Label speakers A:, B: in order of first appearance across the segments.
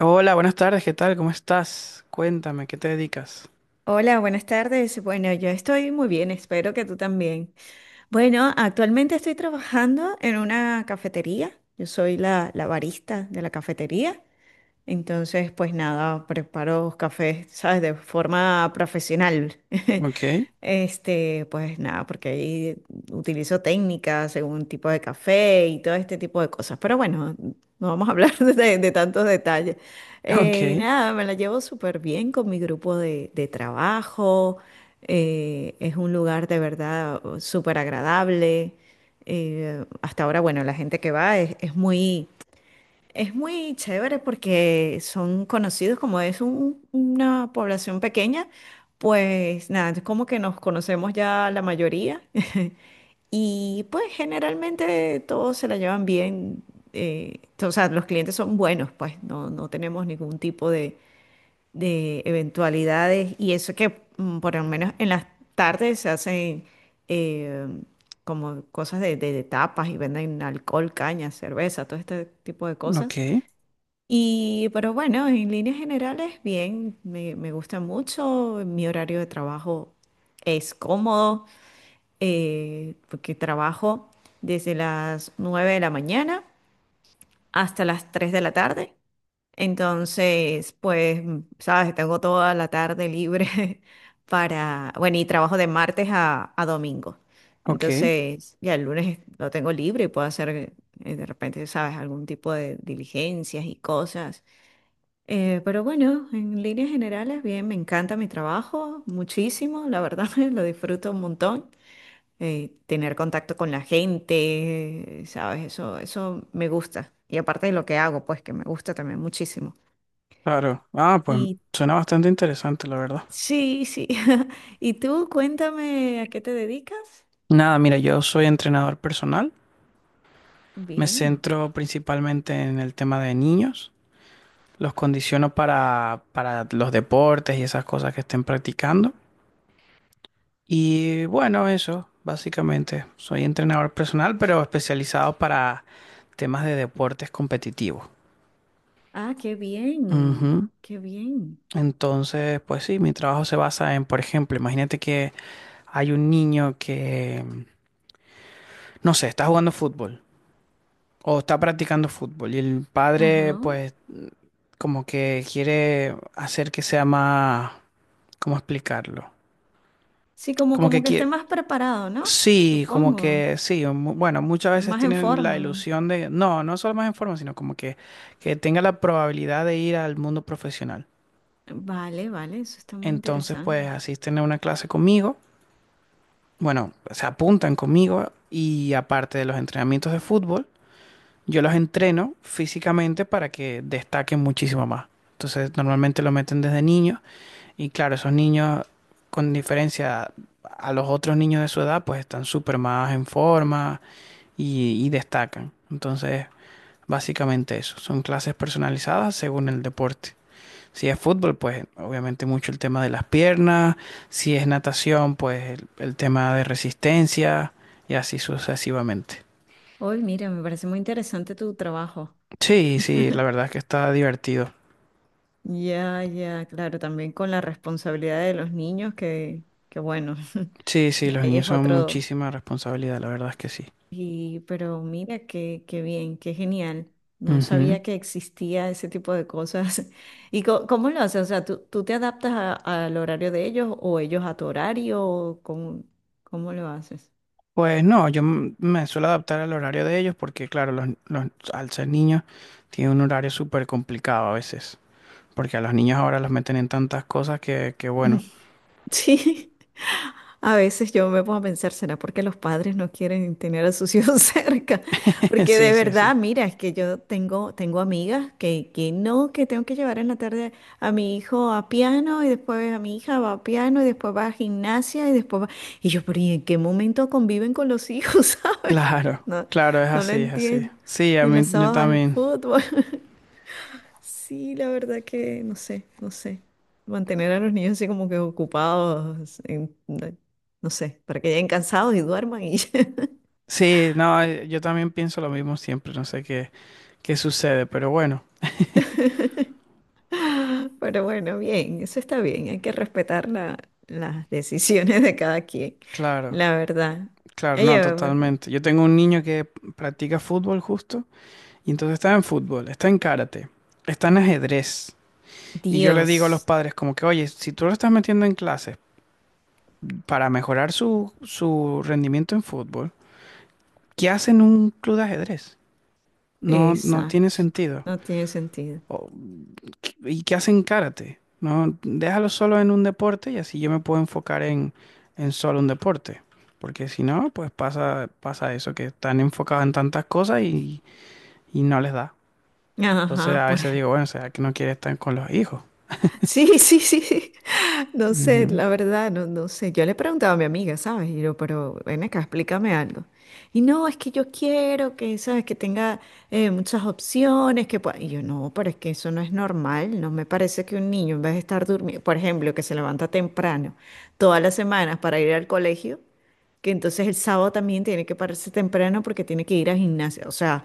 A: Hola, buenas tardes, ¿qué tal? ¿Cómo estás? Cuéntame, ¿qué te dedicas?
B: Hola, buenas tardes. Bueno, yo estoy muy bien, espero que tú también. Bueno, actualmente estoy trabajando en una cafetería. Yo soy la barista de la cafetería, entonces, pues nada, preparo cafés, ¿sabes? De forma profesional.
A: Ok,
B: Pues nada, porque ahí utilizo técnicas según tipo de café y todo este tipo de cosas. Pero bueno, no vamos a hablar de tantos detalles.
A: ok,
B: Nada, me la llevo súper bien con mi grupo de trabajo. Es un lugar de verdad súper agradable. Hasta ahora, bueno, la gente que va es muy, es muy chévere porque son conocidos, como es una población pequeña, pues nada, es como que nos conocemos ya la mayoría. Y pues generalmente todos se la llevan bien, o sea, los clientes son buenos, pues no tenemos ningún tipo de eventualidades. Y eso que por lo menos en las tardes se hacen, eh, como cosas de tapas, y venden alcohol, caña, cerveza, todo este tipo de
A: ok,
B: cosas. Y, pero bueno, en líneas generales, bien, me gusta mucho, mi horario de trabajo es cómodo, porque trabajo desde las 9 de la mañana hasta las 3 de la tarde. Entonces, pues, sabes, tengo toda la tarde libre para, bueno, y trabajo de martes a domingo.
A: ok,
B: Entonces, ya el lunes lo tengo libre y puedo hacer, de repente, sabes, algún tipo de diligencias y cosas, pero bueno, en líneas generales, bien, me encanta mi trabajo muchísimo, la verdad, lo disfruto un montón. Tener contacto con la gente, ¿sabes? Eso me gusta. Y aparte de lo que hago, pues que me gusta también muchísimo.
A: claro. Ah, pues
B: Y
A: suena bastante interesante, la verdad.
B: sí, sí. ¿Y tú, cuéntame a qué te dedicas?
A: Nada, mira, yo soy entrenador personal. Me
B: Bien.
A: centro principalmente en el tema de niños. Los condiciono para los deportes y esas cosas que estén practicando. Y bueno, eso, básicamente. Soy entrenador personal, pero especializado para temas de deportes competitivos.
B: Ah, qué bien,
A: Ujú.
B: qué bien.
A: Entonces, pues sí, mi trabajo se basa en, por ejemplo, imagínate que hay un niño que, no sé, está jugando fútbol o está practicando fútbol y el padre,
B: Ajá.
A: pues, como que quiere hacer que sea más, ¿cómo explicarlo?
B: Sí, como,
A: Como que
B: como que esté
A: quiere,
B: más preparado, ¿no?
A: sí, como
B: Supongo,
A: que sí, bueno, muchas
B: esté
A: veces
B: más en
A: tienen la
B: forma.
A: ilusión de, no, no solo más en forma, sino como que tenga la probabilidad de ir al mundo profesional.
B: Vale, vale, eso está muy
A: Entonces,
B: interesante.
A: pues, asisten a una clase conmigo. Bueno, se apuntan conmigo y aparte de los entrenamientos de fútbol, yo los entreno físicamente para que destaquen muchísimo más. Entonces, normalmente lo meten desde niños y claro, esos niños con diferencia a los otros niños de su edad, pues están súper más en forma y, destacan. Entonces, básicamente eso, son clases personalizadas según el deporte. Si es fútbol, pues obviamente mucho el tema de las piernas. Si es natación, pues el tema de resistencia y así sucesivamente.
B: Hoy, mira, me parece muy interesante tu trabajo.
A: Sí, sí, la verdad es que está divertido.
B: Ya, ya, claro, también con la responsabilidad de los niños, que bueno,
A: Sí, sí,
B: ya
A: los
B: ahí
A: niños
B: es
A: son
B: otro.
A: muchísima responsabilidad, la verdad es que sí.
B: Y, pero mira, qué, qué bien, qué genial. No
A: Ujú.
B: sabía que existía ese tipo de cosas. ¿Y cómo lo haces? O sea, ¿tú, tú te adaptas al horario de ellos o ellos a tu horario? ¿O cómo, cómo lo haces?
A: Pues no, yo me suelo adaptar al horario de ellos porque, claro, al ser niños tiene un horario súper complicado a veces. Porque a los niños ahora los meten en tantas cosas que bueno.
B: Sí. A veces yo me pongo a pensar, ¿será porque los padres no quieren tener a sus hijos cerca? Porque
A: Sí,
B: de
A: sí, sí.
B: verdad, mira, es que yo tengo, tengo amigas que no, que tengo que llevar en la tarde a mi hijo a piano, y después a mi hija va a piano y después va a gimnasia y después va... Y yo, pero ¿y en qué momento conviven con los hijos, sabes?
A: Claro,
B: No,
A: claro, es
B: no lo
A: así, es así.
B: entiendo.
A: Sí, a
B: Y
A: mí
B: los
A: yo
B: sábados al
A: también.
B: fútbol. Sí, la verdad que no sé, no sé. Mantener a los niños así como que ocupados, no sé, para que lleguen cansados y duerman y... ya.
A: Sí, no, yo también pienso lo mismo siempre, no sé qué, qué sucede, pero bueno,
B: Pero bueno, bien, eso está bien, hay que respetar las decisiones de cada quien,
A: claro,
B: la verdad.
A: claro, no,
B: Ella,
A: totalmente. Yo tengo un niño que practica fútbol justo, y entonces está en fútbol, está en karate, está en ajedrez. Y yo le digo a los
B: Dios,
A: padres como que, oye, si tú lo estás metiendo en clases para mejorar su, su rendimiento en fútbol, ¿qué hacen en un club de ajedrez? No, no tiene
B: exacto,
A: sentido.
B: no tiene sentido.
A: ¿Y qué hacen karate? No, déjalo solo en un deporte y así yo me puedo enfocar en solo un deporte. Porque si no, pues pasa, pasa eso, que están enfocados en tantas cosas y, no les da. Entonces
B: Ajá,
A: a
B: por...
A: veces digo, bueno, será que no quiere estar con los hijos.
B: Sí, sí, sí, sí. No sé,
A: Ujú.
B: la verdad, no, no sé. Yo le preguntaba a mi amiga, ¿sabes? Y yo, pero ven acá, explícame algo. Y no, es que yo quiero que, ¿sabes? Que tenga, muchas opciones, que pueda... Y yo, no, pero es que eso no es normal. No me parece que un niño, en vez de estar durmiendo, por ejemplo, que se levanta temprano todas las semanas para ir al colegio, que entonces el sábado también tiene que pararse temprano porque tiene que ir al gimnasio. O sea,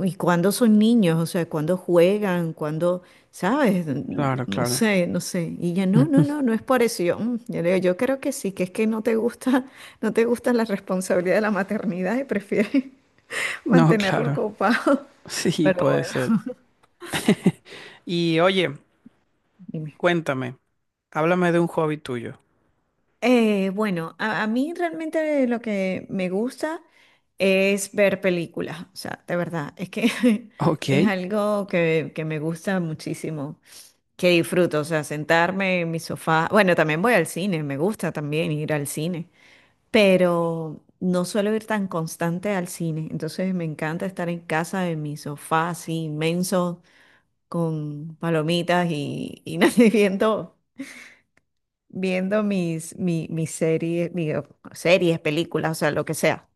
B: ¿y cuando son niños? O sea, ¿cuando juegan? ¿Cuando, sabes?
A: Claro,
B: No
A: claro.
B: sé, no sé. Y ya no, no, no, no es por eso. Y yo, "Mm". Yo le digo, yo creo que sí, que es que no te gusta, no te gusta la responsabilidad de la maternidad y prefieres
A: No,
B: mantenerlo
A: claro.
B: copado.
A: Sí,
B: Pero
A: puede
B: bueno,
A: ser. Y oye,
B: dime.
A: cuéntame, háblame de un hobby tuyo.
B: Bueno, a mí realmente lo que me gusta es ver películas. O sea, de verdad, es que es
A: Ok.
B: algo que me gusta muchísimo, que disfruto, o sea, sentarme en mi sofá. Bueno, también voy al cine, me gusta también ir al cine, pero no suelo ir tan constante al cine, entonces me encanta estar en casa en mi sofá así inmenso con palomitas y nada, viendo, viendo mis series, digo, series, películas, o sea, lo que sea.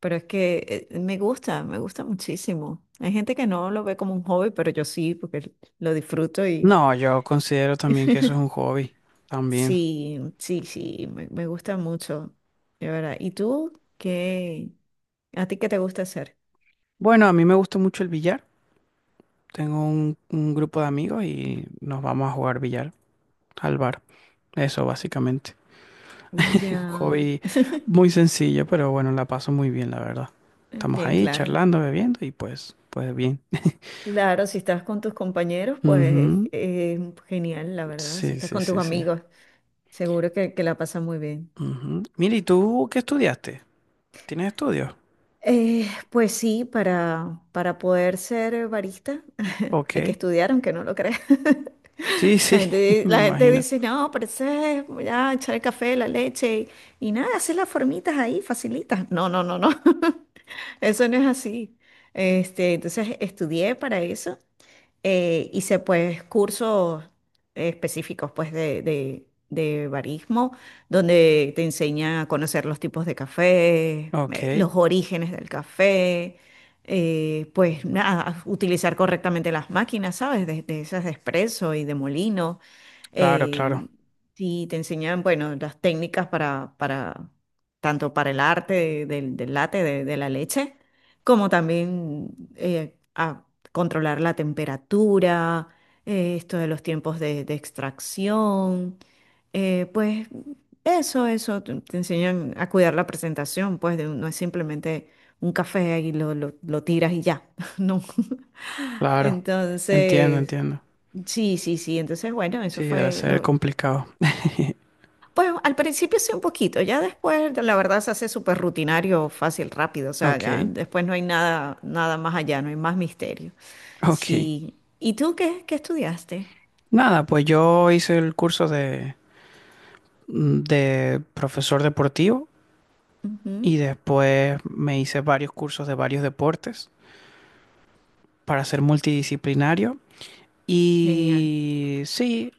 B: Pero es que me gusta muchísimo. Hay gente que no lo ve como un hobby, pero yo sí, porque lo disfruto.
A: No, yo considero también que eso es un hobby. También.
B: Sí, sí, sí, me gusta mucho, de verdad. ¿Y tú qué? ¿A ti qué te gusta hacer?
A: Bueno, a mí me gusta mucho el billar. Tengo un grupo de amigos y nos vamos a jugar billar al bar. Eso básicamente. Un
B: Ya,
A: hobby muy sencillo, pero bueno, la paso muy bien, la verdad. Estamos
B: bien,
A: ahí
B: claro.
A: charlando, bebiendo y pues, pues bien.
B: Claro, si estás con tus compañeros, pues
A: Ujú.
B: genial, la verdad. Si
A: Sí,
B: estás
A: sí,
B: con tus
A: sí, sí.
B: amigos, seguro que la pasas muy bien.
A: Ujú. Mira, ¿y tú qué estudiaste? ¿Tienes estudios?
B: Pues sí, para poder ser barista. Hay que
A: Ok.
B: estudiar aunque no lo creas.
A: Sí,
B: La
A: sí,
B: gente,
A: me
B: la gente
A: imagino.
B: dice, no, pero eso es ya echar el café, la leche y nada, hacer las formitas ahí, facilitas. No, no, no, no. Eso no es así. Entonces estudié para eso, hice pues cursos específicos pues de barismo, donde te enseña a conocer los tipos de café,
A: Ok.
B: los orígenes del café, pues nada, utilizar correctamente las máquinas, ¿sabes? De esas de espresso y de molino.
A: Claro,
B: eh,
A: claro,
B: y te enseñan, bueno, las técnicas para, tanto para el arte del, del latte, de la leche, como también a controlar la temperatura, esto de los tiempos de extracción, pues eso, te enseñan a cuidar la presentación, pues no es simplemente un café y lo tiras y ya. No.
A: claro. Entiendo,
B: Entonces,
A: entiendo.
B: sí, sí, sí, entonces bueno, eso
A: Sí, debe
B: fue
A: ser
B: lo...
A: complicado.
B: Pues al principio sí un poquito, ya después la verdad se hace súper rutinario, fácil, rápido, o sea, ya
A: Ok,
B: después no hay nada, nada más allá, no hay más misterio.
A: ok.
B: Sí. ¿Y tú qué, qué estudiaste?
A: Nada, pues yo hice el curso de de profesor deportivo y
B: Ujú.
A: después me hice varios cursos de varios deportes para ser multidisciplinario
B: Genial.
A: y sí,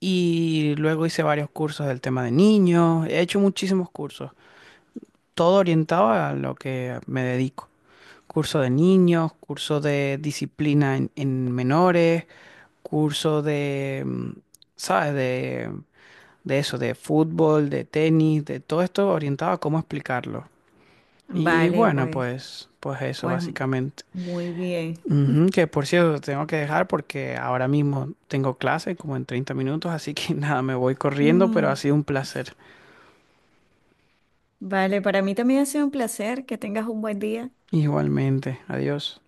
A: y luego hice varios cursos del tema de niños, he hecho muchísimos cursos, todo orientado a lo que me dedico. Curso de niños, curso de disciplina en menores, curso de, ¿sabes? De eso, de fútbol, de tenis, de todo esto orientado a cómo explicarlo. Y
B: Vale,
A: bueno,
B: pues,
A: pues, pues eso
B: pues
A: básicamente.
B: muy bien.
A: Ujú, que por cierto, tengo que dejar porque ahora mismo tengo clase como en 30 minutos, así que nada, me voy corriendo, pero ha
B: Mm,
A: sido un placer.
B: vale, para mí también ha sido un placer. Que tengas un buen día.
A: Igualmente, adiós.